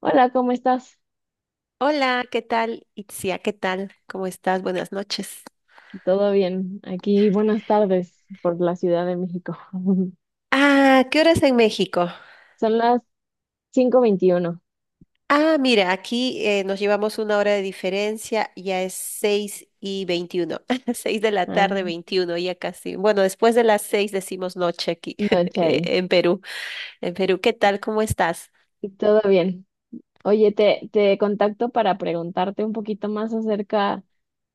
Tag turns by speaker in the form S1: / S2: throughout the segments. S1: Hola, ¿cómo estás?
S2: Hola, ¿qué tal? Itzia, ¿qué tal? ¿Cómo estás? Buenas noches.
S1: ¿Todo bien? Aquí, buenas tardes por la Ciudad de México.
S2: Ah, ¿qué hora es en México?
S1: Son las 5:21,
S2: Ah, mira, aquí nos llevamos una hora de diferencia, ya es 6:21. 6 de la
S1: ah,
S2: tarde, 21 ya casi. Bueno, después de las 6 decimos noche aquí
S1: noche ahí.
S2: en Perú. En Perú, ¿qué tal? ¿Cómo estás?
S1: ¿Todo bien? Oye, te contacto para preguntarte un poquito más acerca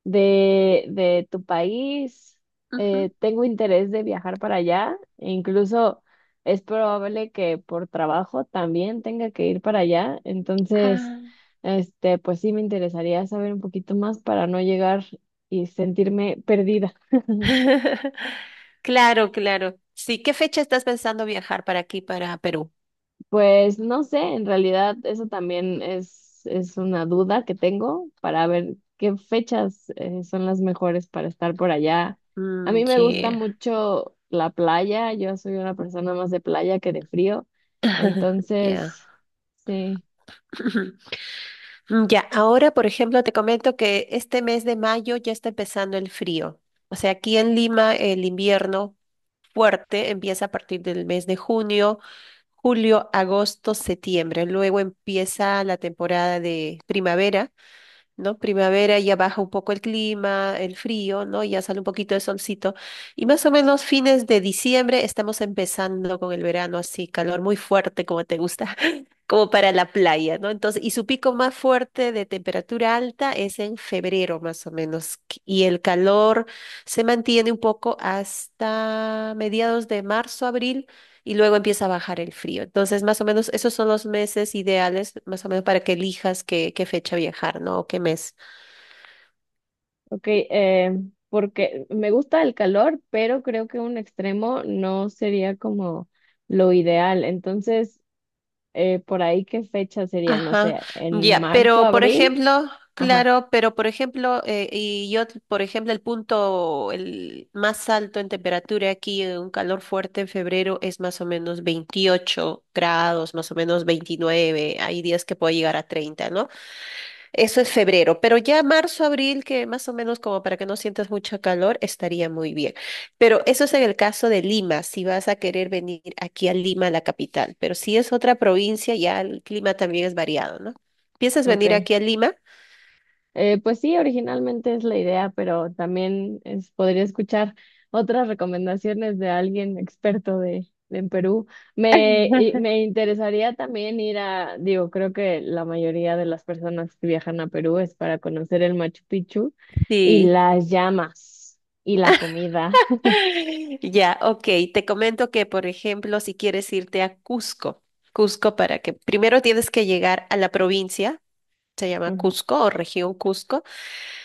S1: de tu país.
S2: Ujú.
S1: Tengo interés de viajar para allá. E incluso es probable que por trabajo también tenga que ir para allá. Entonces,
S2: Ah.
S1: pues sí me interesaría saber un poquito más para no llegar y sentirme perdida.
S2: Claro, claro. Sí, ¿qué fecha estás pensando viajar para aquí, para Perú?
S1: Pues no sé, en realidad eso también es una duda que tengo para ver qué fechas son las mejores para estar por allá. A
S2: Mm,
S1: mí me gusta
S2: yeah.
S1: mucho la playa, yo soy una persona más de playa que de frío,
S2: Ya.
S1: entonces, sí,
S2: Mm, ya, ahora, por ejemplo, te comento que este mes de mayo ya está empezando el frío. O sea, aquí en Lima el invierno fuerte empieza a partir del mes de junio, julio, agosto, septiembre. Luego empieza la temporada de primavera, ¿no? Primavera ya baja un poco el clima, el frío, ¿no? Ya sale un poquito de solcito. Y más o menos fines de diciembre estamos empezando con el verano así, calor muy fuerte como te gusta, como para la playa, ¿no? Entonces, y su pico más fuerte de temperatura alta es en febrero más o menos. Y el calor se mantiene un poco hasta mediados de marzo, abril y luego empieza a bajar el frío. Entonces, más o menos, esos son los meses ideales, más o menos, para que elijas qué fecha viajar, ¿no? O qué mes.
S1: ok, porque me gusta el calor, pero creo que un extremo no sería como lo ideal, entonces, por ahí qué fecha sería, no
S2: Ajá,
S1: sé, en
S2: ya,
S1: marzo,
S2: pero por
S1: abril.
S2: ejemplo,
S1: Ajá.
S2: claro, pero por ejemplo, por ejemplo, el punto el más alto en temperatura aquí, un calor fuerte en febrero es más o menos 28 grados, más o menos 29, hay días que puede llegar a 30, ¿no? Eso es febrero, pero ya marzo, abril, que más o menos como para que no sientas mucho calor, estaría muy bien. Pero eso es en el caso de Lima, si vas a querer venir aquí a Lima, la capital. Pero si es otra provincia, ya el clima también es variado, ¿no? ¿Piensas venir
S1: Ok.
S2: aquí a Lima?
S1: Pues sí, originalmente es la idea, pero también podría escuchar otras recomendaciones de alguien experto de en Perú. Me interesaría también ir a, digo, creo que la mayoría de las personas que viajan a Perú es para conocer el Machu Picchu y
S2: Sí.
S1: las llamas y la comida.
S2: Ya, ok. Te comento que, por ejemplo, si quieres irte a Cusco, Cusco para que primero tienes que llegar a la provincia, se llama Cusco o región Cusco.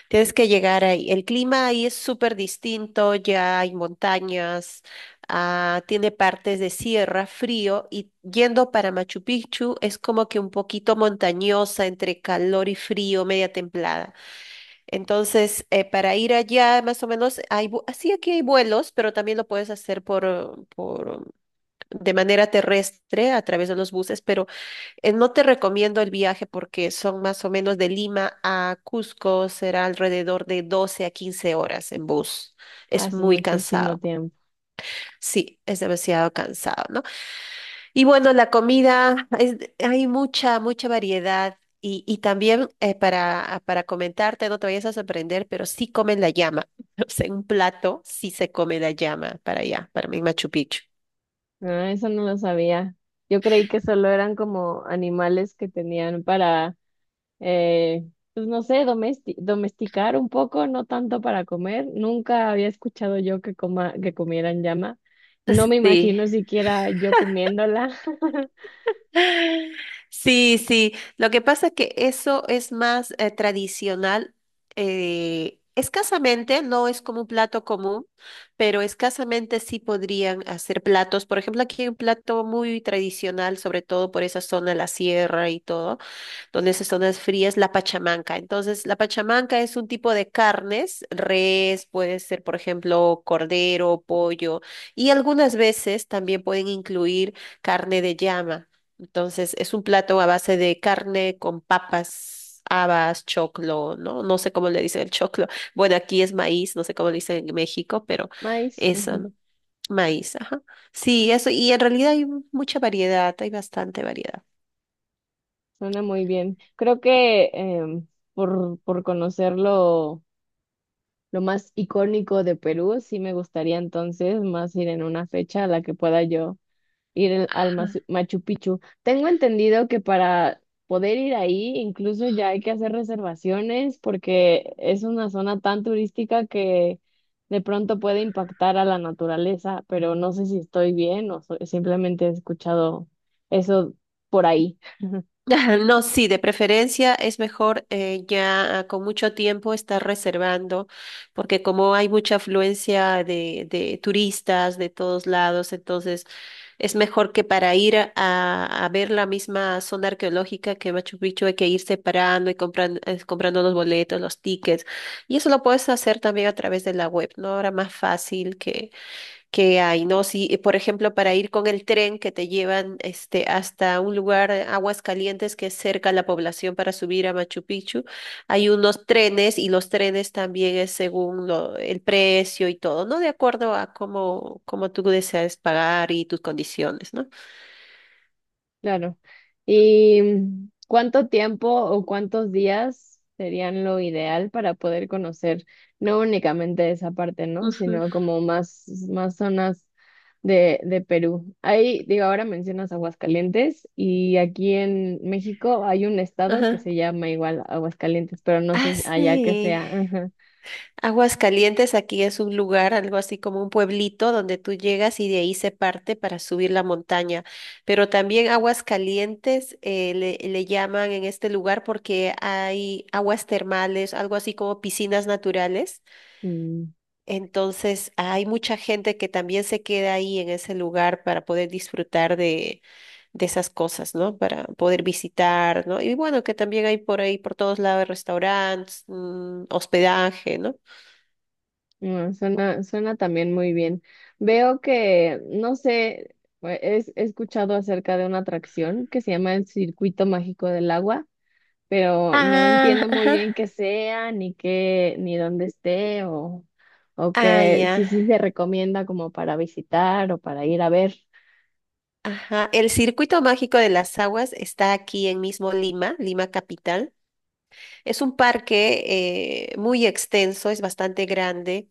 S2: Tienes que llegar ahí. El clima ahí es súper distinto, ya hay montañas, tiene partes de sierra, frío, y yendo para Machu Picchu es como que un poquito montañosa entre calor y frío, media templada. Entonces, para ir allá, más o menos, hay, sí, aquí hay vuelos, pero también lo puedes hacer por, de manera terrestre a través de los buses, pero no te recomiendo el viaje porque son más o menos de Lima a Cusco, será alrededor de 12 a 15 horas en bus. Es
S1: Hace
S2: muy
S1: muchísimo
S2: cansado.
S1: tiempo.
S2: Sí, es demasiado cansado, ¿no? Y bueno, la comida, hay mucha, mucha variedad. Y también para comentarte, no te vayas a sorprender, pero sí comen la llama. O sea, en un plato sí se come la llama para allá, para mí Machu Picchu.
S1: Ah, eso no lo sabía. Yo creí que solo eran como animales que tenían para eh, pues no sé, domesticar un poco, no tanto para comer. Nunca había escuchado yo que coma, que comieran llama. No me
S2: Sí,
S1: imagino siquiera yo comiéndola.
S2: sí, sí. Lo que pasa es que eso es más tradicional. Escasamente, no es como un plato común, pero escasamente sí podrían hacer platos. Por ejemplo, aquí hay un plato muy tradicional, sobre todo por esa zona de la sierra y todo donde esas zonas frías, la pachamanca. Entonces, la pachamanca es un tipo de carnes, res, puede ser, por ejemplo, cordero, pollo, y algunas veces también pueden incluir carne de llama. Entonces, es un plato a base de carne con papas, habas, choclo, ¿no? No sé cómo le dicen el choclo. Bueno, aquí es maíz, no sé cómo le dicen en México, pero
S1: Maíz,
S2: eso,
S1: ujú.
S2: ¿no? Maíz, ajá. Sí, eso, y en realidad hay mucha variedad, hay bastante variedad.
S1: Suena muy bien. Creo que por conocer lo más icónico de Perú, sí me gustaría entonces más ir en una fecha a la que pueda yo ir al
S2: Ajá.
S1: Machu Picchu. Tengo entendido que para poder ir ahí incluso ya hay que hacer reservaciones porque es una zona tan turística que de pronto puede impactar a la naturaleza, pero no sé si estoy bien o simplemente he escuchado eso por ahí.
S2: Ajá, no, sí, de preferencia es mejor ya con mucho tiempo estar reservando, porque como hay mucha afluencia de turistas de todos lados, entonces es mejor que para ir a ver la misma zona arqueológica que Machu Picchu hay que ir separando y comprando, los boletos, los tickets, y eso lo puedes hacer también a través de la web, ¿no? Ahora más fácil que hay, ¿no? Si, por ejemplo, para ir con el tren que te llevan este, hasta un lugar, Aguas Calientes, que es cerca a la población para subir a Machu Picchu, hay unos trenes y los trenes también es según el precio y todo, ¿no? De acuerdo a cómo tú deseas pagar y tus condiciones, ¿no?
S1: Claro. ¿Y mm, cuánto tiempo o cuántos días serían lo ideal para poder conocer no únicamente esa parte? ¿No?
S2: Ujú,
S1: Sino como más, más zonas de Perú. Ahí, digo, ahora mencionas Aguascalientes y aquí en México hay un estado que
S2: ajá.
S1: se llama igual Aguascalientes, pero no
S2: Ah,
S1: sé allá que
S2: sí.
S1: sea. Ajá.
S2: Aguascalientes aquí es un lugar, algo así como un pueblito donde tú llegas y de ahí se parte para subir la montaña. Pero también Aguascalientes le llaman en este lugar porque hay aguas termales, algo así como piscinas naturales.
S1: Mm.
S2: Entonces hay mucha gente que también se queda ahí en ese lugar para poder disfrutar de esas cosas, ¿no? Para poder visitar, ¿no? Y bueno, que también hay por ahí, por todos lados, restaurantes, hospedaje, ¿no?
S1: Mm, suena, suena también muy bien. Veo que, no sé, he escuchado acerca de una atracción que se llama el Circuito Mágico del Agua, pero no
S2: Ah,
S1: entiendo muy
S2: ajá.
S1: bien qué sea, ni qué, ni dónde esté, o
S2: Ah,
S1: qué, si
S2: ya.
S1: sí se recomienda como para visitar o para ir a ver.
S2: Ajá. El Circuito Mágico de las Aguas está aquí en mismo Lima, Lima Capital. Es un parque muy extenso, es bastante grande.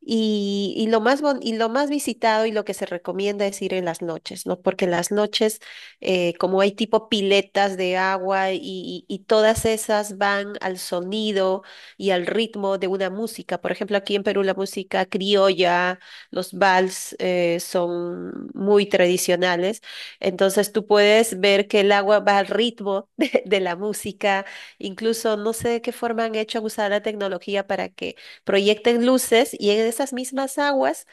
S2: Y lo más visitado y lo que se recomienda es ir en las noches, ¿no? Porque en las noches, como hay tipo piletas de agua y todas esas van al sonido y al ritmo de una música. Por ejemplo, aquí en Perú la música criolla, los vals, son muy tradicionales. Entonces tú puedes ver que el agua va al ritmo de la música. Incluso no sé de qué forma han hecho usar la tecnología para que proyecten luces y en esas mismas aguas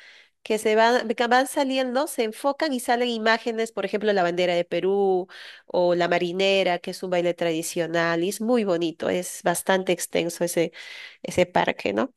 S2: que van saliendo, se enfocan y salen imágenes, por ejemplo, la bandera de Perú o la marinera, que es un baile tradicional, y es muy bonito, es bastante extenso ese parque, ¿no?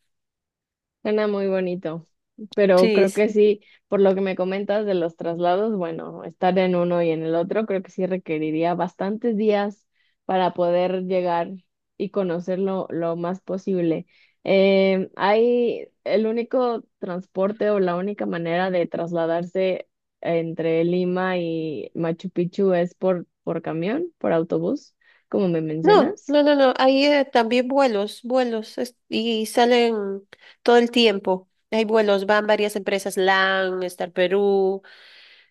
S1: Suena muy bonito, pero
S2: Sí,
S1: creo que
S2: sí.
S1: sí, por lo que me comentas de los traslados, bueno, estar en uno y en el otro, creo que sí requeriría bastantes días para poder llegar y conocerlo lo más posible. Hay el único transporte o la única manera de trasladarse entre Lima y Machu Picchu es por camión, por autobús, como me
S2: No,
S1: mencionas.
S2: no, no, no, hay también vuelos, y salen todo el tiempo. Hay vuelos, van varias empresas, LAN, Star Perú,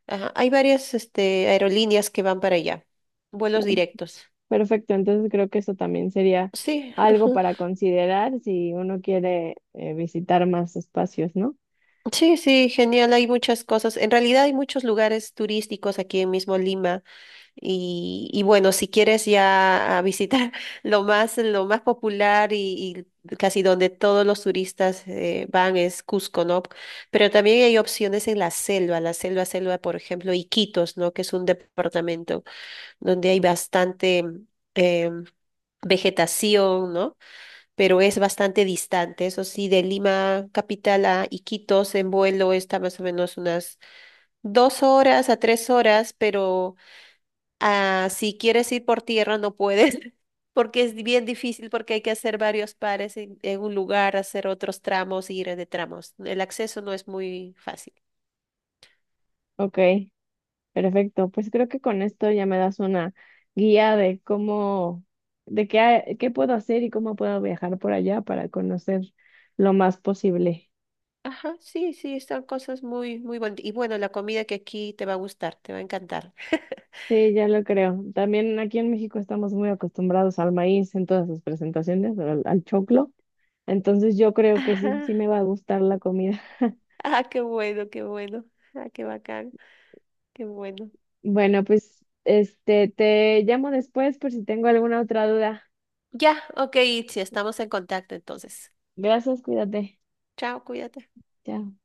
S2: ajá, hay varias aerolíneas que van para allá, vuelos directos.
S1: Perfecto, entonces creo que eso también sería
S2: Sí,
S1: algo
S2: ujú.
S1: para considerar si uno quiere visitar más espacios, ¿no?
S2: Sí, sí, genial. Hay muchas cosas. En realidad hay muchos lugares turísticos aquí mismo en Lima. Y bueno, si quieres ya a visitar lo más popular y casi donde todos los turistas van es Cusco, ¿no? Pero también hay opciones en la selva, selva, por ejemplo, Iquitos, ¿no? Que es un departamento donde hay bastante em, vegetación, ¿no? Pero es bastante distante. Eso sí, de Lima capital a Iquitos en vuelo está más o menos unas 2 horas a 3 horas, pero si quieres ir por tierra no puedes, porque es bien difícil, porque hay que hacer varios pares en un lugar, hacer otros tramos, ir de tramos. El acceso no es muy fácil.
S1: Ok, perfecto. Pues creo que con esto ya me das una guía de cómo, de qué, qué puedo hacer y cómo puedo viajar por allá para conocer lo más posible.
S2: Ajá, sí, sí, están cosas muy, muy bonitas. Y bueno, la comida que aquí te va a gustar, te va a encantar.
S1: Sí, ya lo creo. También aquí en México estamos muy acostumbrados al maíz en todas sus presentaciones, al choclo. Entonces yo creo que sí,
S2: Ajá.
S1: sí me va a gustar la comida.
S2: Ah, qué bueno, qué bueno. Ah, qué bacán, qué bueno.
S1: Bueno, pues este te llamo después por si tengo alguna otra duda.
S2: Ya, ok, Itzi, estamos en contacto entonces.
S1: Gracias, cuídate.
S2: Chao, cuídate.
S1: Chao.